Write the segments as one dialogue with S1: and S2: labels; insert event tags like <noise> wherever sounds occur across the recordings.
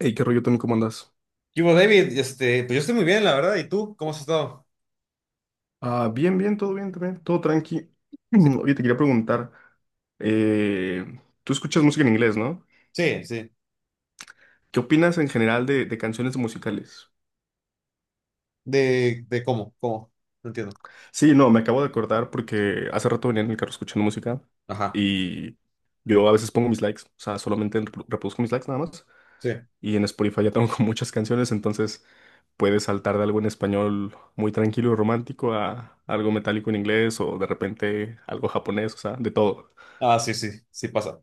S1: Hey, ¿qué rollo también? ¿Cómo andas?
S2: Y bueno, David, pues yo estoy muy bien, la verdad. ¿Y tú? ¿Cómo has estado?
S1: Ah, bien, bien, todo bien también, todo tranqui.
S2: Sí,
S1: <clears throat> Oye, te quería preguntar, tú escuchas música en inglés, ¿no?
S2: sí, sí.
S1: ¿Qué opinas en general de canciones musicales?
S2: ¿De cómo? No entiendo.
S1: Sí, no, me acabo de acordar porque hace rato venía en el carro escuchando música
S2: Ajá,
S1: y yo a veces pongo mis likes, o sea, solamente reproduzco mis likes nada más.
S2: sí.
S1: Y en Spotify ya tengo <laughs> muchas canciones, entonces puedes saltar de algo en español muy tranquilo y romántico a algo metálico en inglés o de repente algo japonés, o sea, de todo.
S2: Ah, sí, sí, sí pasa.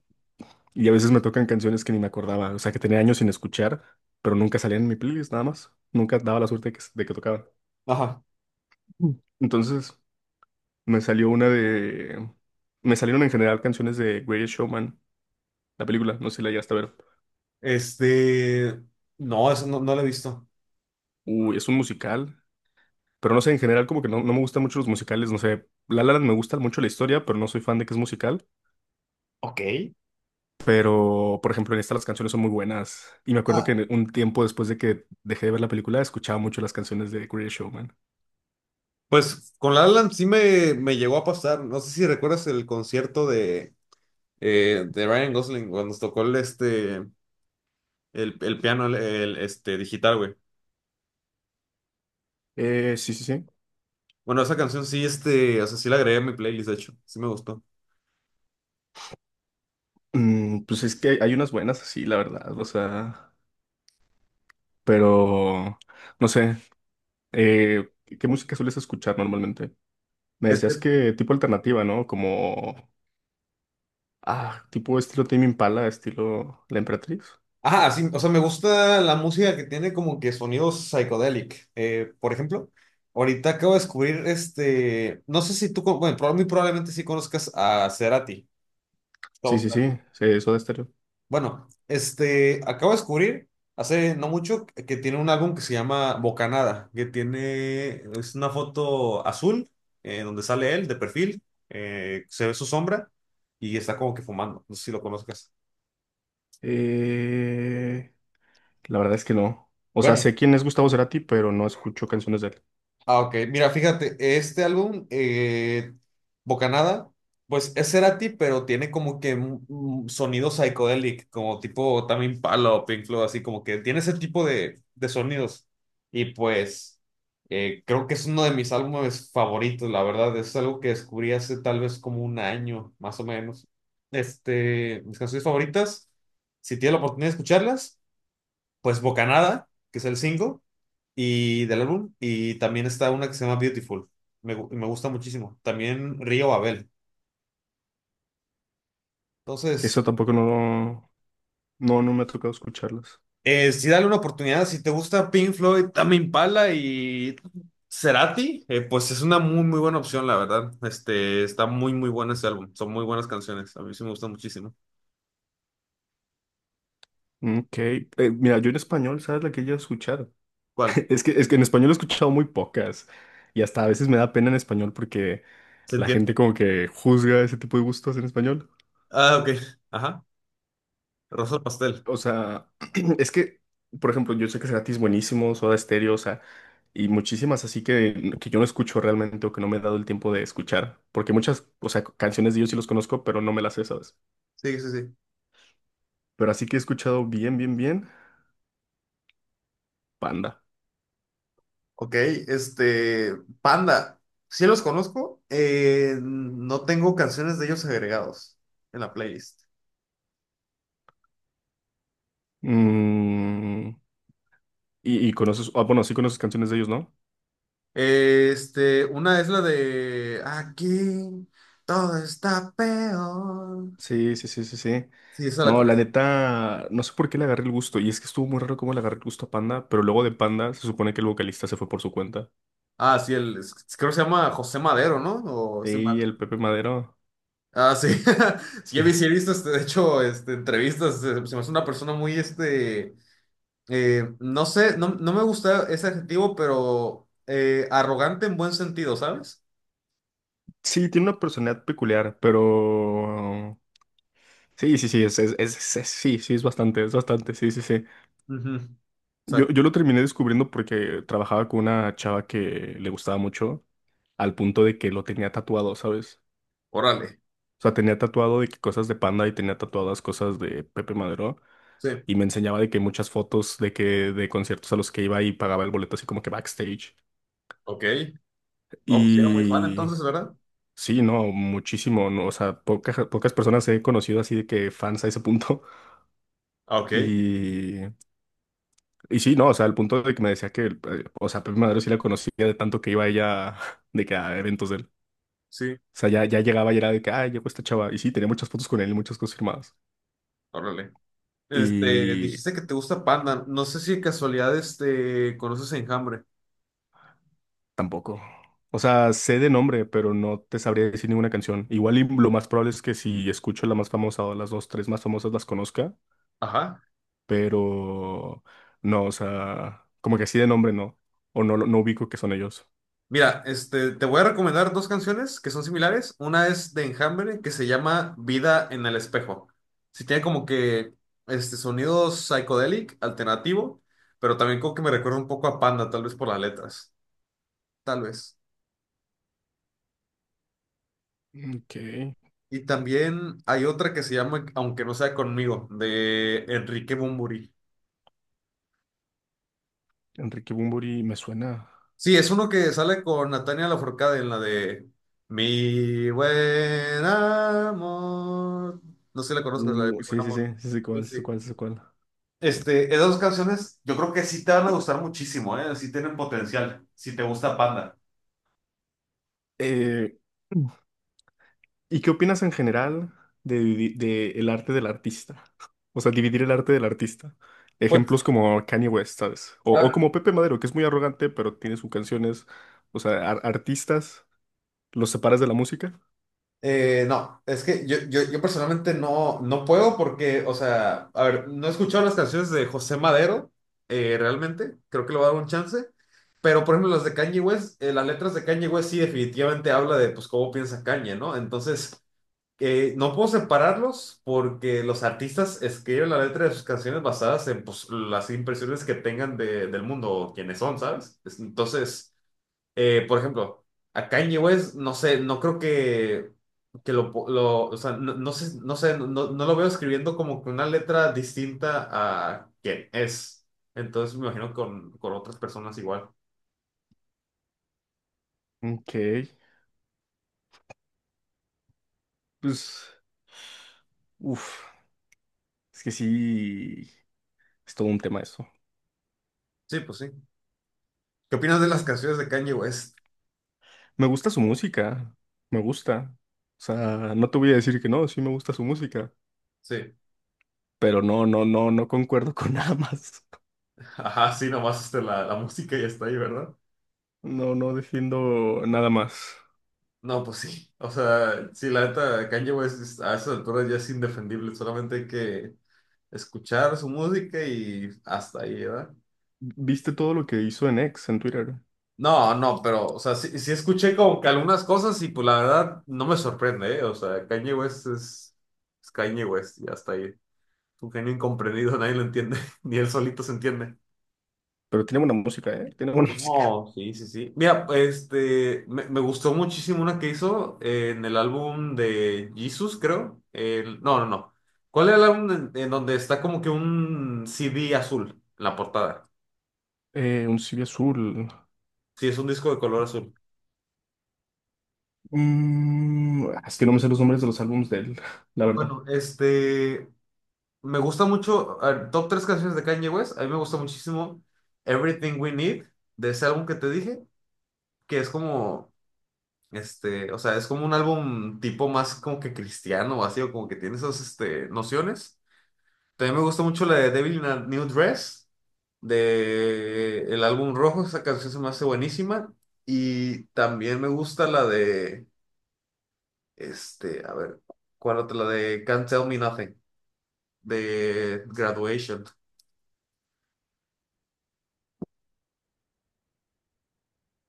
S1: Y a veces me tocan canciones que ni me acordaba, o sea, que tenía años sin escuchar, pero nunca salían en mi playlist, nada más. Nunca daba la suerte de que tocaban.
S2: Ajá.
S1: Mm. Entonces, me salió una de... Me salieron en general canciones de Greatest Showman, la película, no sé si la llegaste a ver.
S2: Este, no, eso no, no lo he visto.
S1: Uy, es un musical, pero no sé, en general como que no me gustan mucho los musicales, no sé. La La Land me gusta mucho la historia, pero no soy fan de que es musical.
S2: Ok.
S1: Pero, por ejemplo, en esta las canciones son muy buenas. Y me acuerdo que
S2: Ah.
S1: un tiempo después de que dejé de ver la película, escuchaba mucho las canciones de Greatest Showman.
S2: Pues con La La Land sí me llegó a pasar. No sé si recuerdas el concierto de Ryan Gosling cuando nos tocó el, este, el piano el digital, güey.
S1: Sí, sí, sí.
S2: Bueno, esa canción sí, este, o sea, sí la agregué a mi playlist, de hecho. Sí me gustó.
S1: Mm, pues es que hay unas buenas así, la verdad, o sea, pero no sé, ¿qué música sueles escuchar normalmente? Me decías
S2: Este,
S1: que tipo alternativa, ¿no? Como, ah, tipo estilo Tame Impala, estilo La Emperatriz.
S2: ajá, sí, o sea, me gusta la música que tiene como que sonidos psicodélicos. Por ejemplo, ahorita acabo de descubrir este, no sé si tú, bueno, muy probablemente sí conozcas a Cerati.
S1: Sí,
S2: Gustavo
S1: sí, sí,
S2: Cerati.
S1: sí, eso de estéreo.
S2: Bueno, este, acabo de descubrir hace no mucho que tiene un álbum que se llama Bocanada, que tiene, es una foto azul, donde sale él de perfil, se ve su sombra y está como que fumando. No sé si lo conozcas.
S1: Eh, la verdad es que no. O sea,
S2: Bueno,
S1: sé quién es Gustavo Cerati, pero no escucho canciones de él.
S2: ah, ok. Mira, fíjate, este álbum, Bocanada, pues es Cerati, pero tiene como que un sonido psychedelic, como tipo también Palo o Pink Floyd, así como que tiene ese tipo de sonidos. Y pues creo que es uno de mis álbumes favoritos, la verdad. Es algo que descubrí hace tal vez como un año, más o menos. Este, mis canciones favoritas, si tienes la oportunidad de escucharlas, pues Bocanada, que es el single y del álbum. Y también está una que se llama Beautiful. Me gusta muchísimo. También Río Babel.
S1: Eso
S2: Entonces,
S1: tampoco no, no me ha tocado escucharlas.
S2: sí dale una oportunidad. Si te gusta Pink Floyd, Tame Impala y Cerati, pues es una muy, muy buena opción, la verdad. Este, está muy, muy bueno ese álbum. Son muy buenas canciones. A mí sí me gusta muchísimo.
S1: Mm, ok, mira, yo en español, ¿sabes la que yo escuchar?
S2: ¿Cuál?
S1: <laughs> Es que en español he escuchado muy pocas y hasta a veces me da pena en español porque
S2: Se
S1: la
S2: entiende.
S1: gente como que juzga ese tipo de gustos en español.
S2: Ah, ok. Ajá. Rosa Pastel.
S1: O sea, <clears throat> es que, por ejemplo, yo sé que Cerati es buenísimo, Soda Stereo, o sea, y muchísimas así que yo no escucho realmente o que no me he dado el tiempo de escuchar, porque muchas, o sea, canciones de ellos sí los conozco, pero no me las sé, ¿sabes?
S2: Sí, sí, sí.
S1: Pero así que he escuchado bien, bien, bien, Panda.
S2: Ok, este, Panda, sí los conozco, no tengo canciones de ellos agregados en la playlist.
S1: Mm, y conoces, ah, bueno, sí conoces canciones de ellos, ¿no?
S2: Este, una es la de Aquí todo está peor.
S1: Sí, sí, sí, sí, sí.
S2: Sí, esa la
S1: No, la
S2: conozco.
S1: neta, no sé por qué le agarré el gusto. Y es que estuvo muy raro cómo le agarré el gusto a Panda, pero luego de Panda se supone que el vocalista se fue por su cuenta.
S2: Ah, sí, creo que se llama José Madero, ¿no? O estoy mal.
S1: Y el Pepe Madero.
S2: Ah, sí. <laughs> Sí,
S1: eh,
S2: he visto, este, de hecho, este, entrevistas. Se me hace una persona muy, este, no sé, no, no me gusta ese adjetivo, pero arrogante en buen sentido, ¿sabes?
S1: sí, tiene una personalidad peculiar, pero... Sí, sí, sí, sí, sí, es bastante, sí, sí, sí.
S2: Ujú.
S1: Yo lo
S2: Exacto.
S1: terminé descubriendo porque trabajaba con una chava que le gustaba mucho, al punto de que lo tenía tatuado, ¿sabes?
S2: Órale.
S1: O sea, tenía tatuado de que cosas de Panda y tenía tatuadas cosas de Pepe Madero.
S2: Sí.
S1: Y me enseñaba de que muchas fotos de que de conciertos a los que iba y pagaba el boleto así como que backstage.
S2: Ok. Oh, pues era muy fan
S1: Y
S2: entonces, ¿verdad?
S1: sí, no, muchísimo, no, o sea, pocas personas he conocido así de que fans a ese punto. <laughs>
S2: Ah, ok.
S1: Y, y sí, no, o sea, al punto de que me decía que, o sea, Pepe Madero sí la conocía de tanto que iba ella <laughs> de que a eventos de él.
S2: Sí.
S1: O sea, ya,
S2: Sí.
S1: ya llegaba y era de que, ah, llegó esta chava. Y sí, tenía muchas fotos con él y muchas cosas firmadas.
S2: Órale. Este,
S1: Y,
S2: dijiste que te gusta Panda. No sé si de casualidad, este, conoces a Enjambre.
S1: tampoco. O sea, sé de nombre, pero no te sabría decir ninguna canción. Igual y lo más probable es que si escucho la más famosa o las dos, tres más famosas las conozca,
S2: Ajá.
S1: pero no, o sea, como que así de nombre no. O no, no ubico que son ellos.
S2: Mira, este, te voy a recomendar dos canciones que son similares. Una es de Enjambre que se llama Vida en el Espejo. Sí tiene como que este sonido psicodélico, alternativo, pero también como que me recuerda un poco a Panda, tal vez por las letras, tal vez.
S1: Ok.
S2: Y también hay otra que se llama Aunque no sea conmigo, de Enrique Bunbury.
S1: Enrique Bunbury me suena.
S2: Sí, es uno que sale con Natalia Lafourcade en la de Mi buen amor. No sé si la conozco, es la de Mi buen
S1: Sí, sí, sí,
S2: amor.
S1: sí, sí,
S2: Sí,
S1: cuál, sí,
S2: sí.
S1: cuál, sí, cuál.
S2: Este, esas dos canciones, yo creo que sí te van a gustar muchísimo, ¿eh? Sí tienen potencial, si te gusta Panda.
S1: Eh, ¿Y qué opinas en general de, de el arte del artista? O sea, dividir el arte del artista.
S2: Pues,
S1: Ejemplos como Kanye West, ¿sabes?
S2: a
S1: O
S2: ver,
S1: como Pepe Madero, que es muy arrogante, pero tiene sus canciones. O sea, artistas, los separas de la música.
S2: no, es que yo personalmente no, no puedo porque, o sea, a ver, no he escuchado las canciones de José Madero, realmente, creo que le voy a dar un chance, pero por ejemplo las de Kanye West, las letras de Kanye West sí definitivamente habla de, pues, cómo piensa Kanye, ¿no? Entonces, no puedo separarlos porque los artistas escriben la letra de sus canciones basadas en pues, las impresiones que tengan del mundo o quienes son, ¿sabes? Entonces, por ejemplo, a Kanye West, no sé, no creo que, o sea, no, no lo veo escribiendo como que una letra distinta a quien es. Entonces, me imagino con otras personas igual.
S1: Ok, pues... uff, es que sí, es todo un tema eso.
S2: Sí, pues sí. ¿Qué opinas de las canciones de Kanye West?
S1: Me gusta su música, me gusta. O sea, no te voy a decir que no, sí me gusta su música,
S2: Sí.
S1: pero no concuerdo con <laughs> nada más.
S2: <laughs> Ajá, sí, nomás este, la música ya está ahí, ¿verdad?
S1: No, no defiendo nada más.
S2: No, pues sí. O sea, sí, la neta, Kanye West a esas alturas ya es indefendible. Solamente hay que escuchar su música y hasta ahí, ¿verdad?
S1: ¿Viste todo lo que hizo en X en Twitter?
S2: No, no, pero, o sea, sí, sí escuché como que algunas cosas y pues la verdad no me sorprende, ¿eh? O sea, Kanye West es Kanye West y hasta ahí. Es un genio incomprendido, nadie lo entiende, <laughs> ni él solito se entiende.
S1: Pero tiene buena música, ¿eh? Tiene buena <laughs> música.
S2: No, sí, sí, sí. Mira, este, me gustó muchísimo una que hizo en el álbum de Jesus, creo. El- no, no, no. ¿Cuál era el álbum en donde está como que un CD azul en la portada?
S1: Un CV azul.
S2: Sí, es un disco de color azul.
S1: Mm, ah, es que no me sé los nombres de los álbumes de él, <laughs> la verdad.
S2: Bueno, este, me gusta mucho, a ver, top 3 canciones de Kanye West, a mí me gusta muchísimo Everything We Need, de ese álbum que te dije, que es como, este, o sea, es como un álbum tipo más como que cristiano, así, o como que tiene esas, este, nociones. También me gusta mucho la de Devil in a New Dress, de el álbum rojo, esa canción se me hace buenísima. Y también me gusta la de, este, a ver, ¿cuál otra? La de Can't Tell Me Nothing, de Graduation.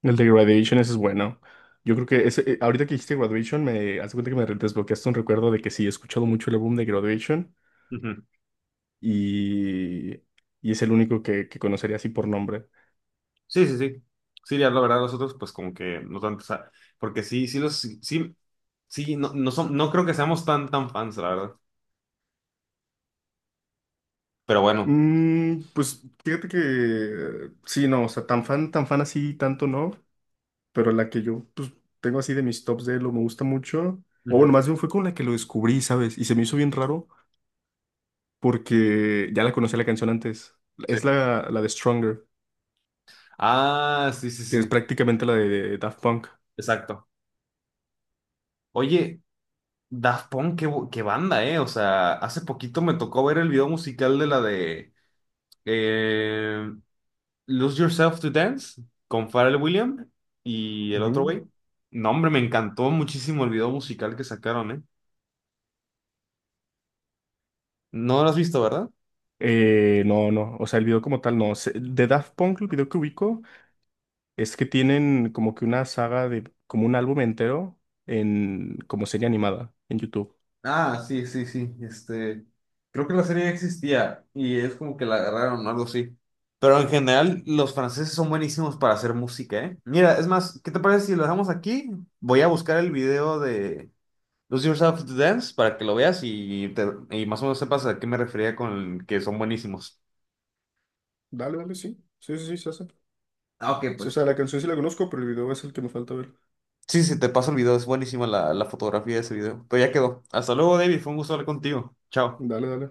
S1: El de Graduation, ese es bueno. Yo creo que ese, ahorita que hiciste Graduation, me hace cuenta que me desbloqueaste un recuerdo de que sí, he escuchado mucho el álbum de Graduation
S2: Ujú.
S1: y, y es el único que conocería así por nombre.
S2: Sí, sí, sí. Sí, ya la verdad, los otros, pues como que no tanto, o sea, porque sí, sí, los, sí, sí, sí, no, no, son, no creo que seamos tan, tan fans, la verdad. Pero bueno.
S1: Mm, pues fíjate que sí, no, o sea, tan fan así, tanto no. Pero la que yo pues, tengo así de mis tops de lo me gusta mucho. O
S2: Ujú.
S1: bueno, más bien fue con la que lo descubrí, ¿sabes? Y se me hizo bien raro porque ya la conocía la canción antes.
S2: Sí.
S1: Es la de Stronger,
S2: Ah, sí, sí,
S1: que es
S2: sí,
S1: prácticamente la de Daft Punk.
S2: exacto. Oye, Daft Punk, qué banda, ¿eh? O sea, hace poquito me tocó ver el video musical de la de eh, Lose Yourself to Dance con Pharrell Williams y el otro
S1: Ujú.
S2: güey. No, hombre, me encantó muchísimo el video musical que sacaron, ¿eh? No lo has visto, ¿verdad?
S1: No, no, o sea, el video como tal no. Se- De Daft Punk, el video que ubico es que tienen como que una saga de, como un álbum entero en, como serie animada en YouTube.
S2: Ah, sí, sí, sí. Este, creo que la serie ya existía y es como que la agarraron o algo así. Pero en general, los franceses son buenísimos para hacer música, ¿eh? Mira, es más, ¿qué te parece si lo dejamos aquí? Voy a buscar el video de Lose Yourself to Dance para que lo veas y más o menos sepas a qué me refería con que son buenísimos.
S1: Dale, dale, sí. Sí, sí, sí, se hace.
S2: Ah, ok,
S1: O
S2: pues.
S1: sea, la canción sí la conozco, pero el video es el que me falta ver.
S2: Sí, sí, te paso el video, es buenísima la fotografía de ese video. Pero ya quedó. Hasta luego, David, fue un gusto hablar contigo. Chao.
S1: Dale, dale.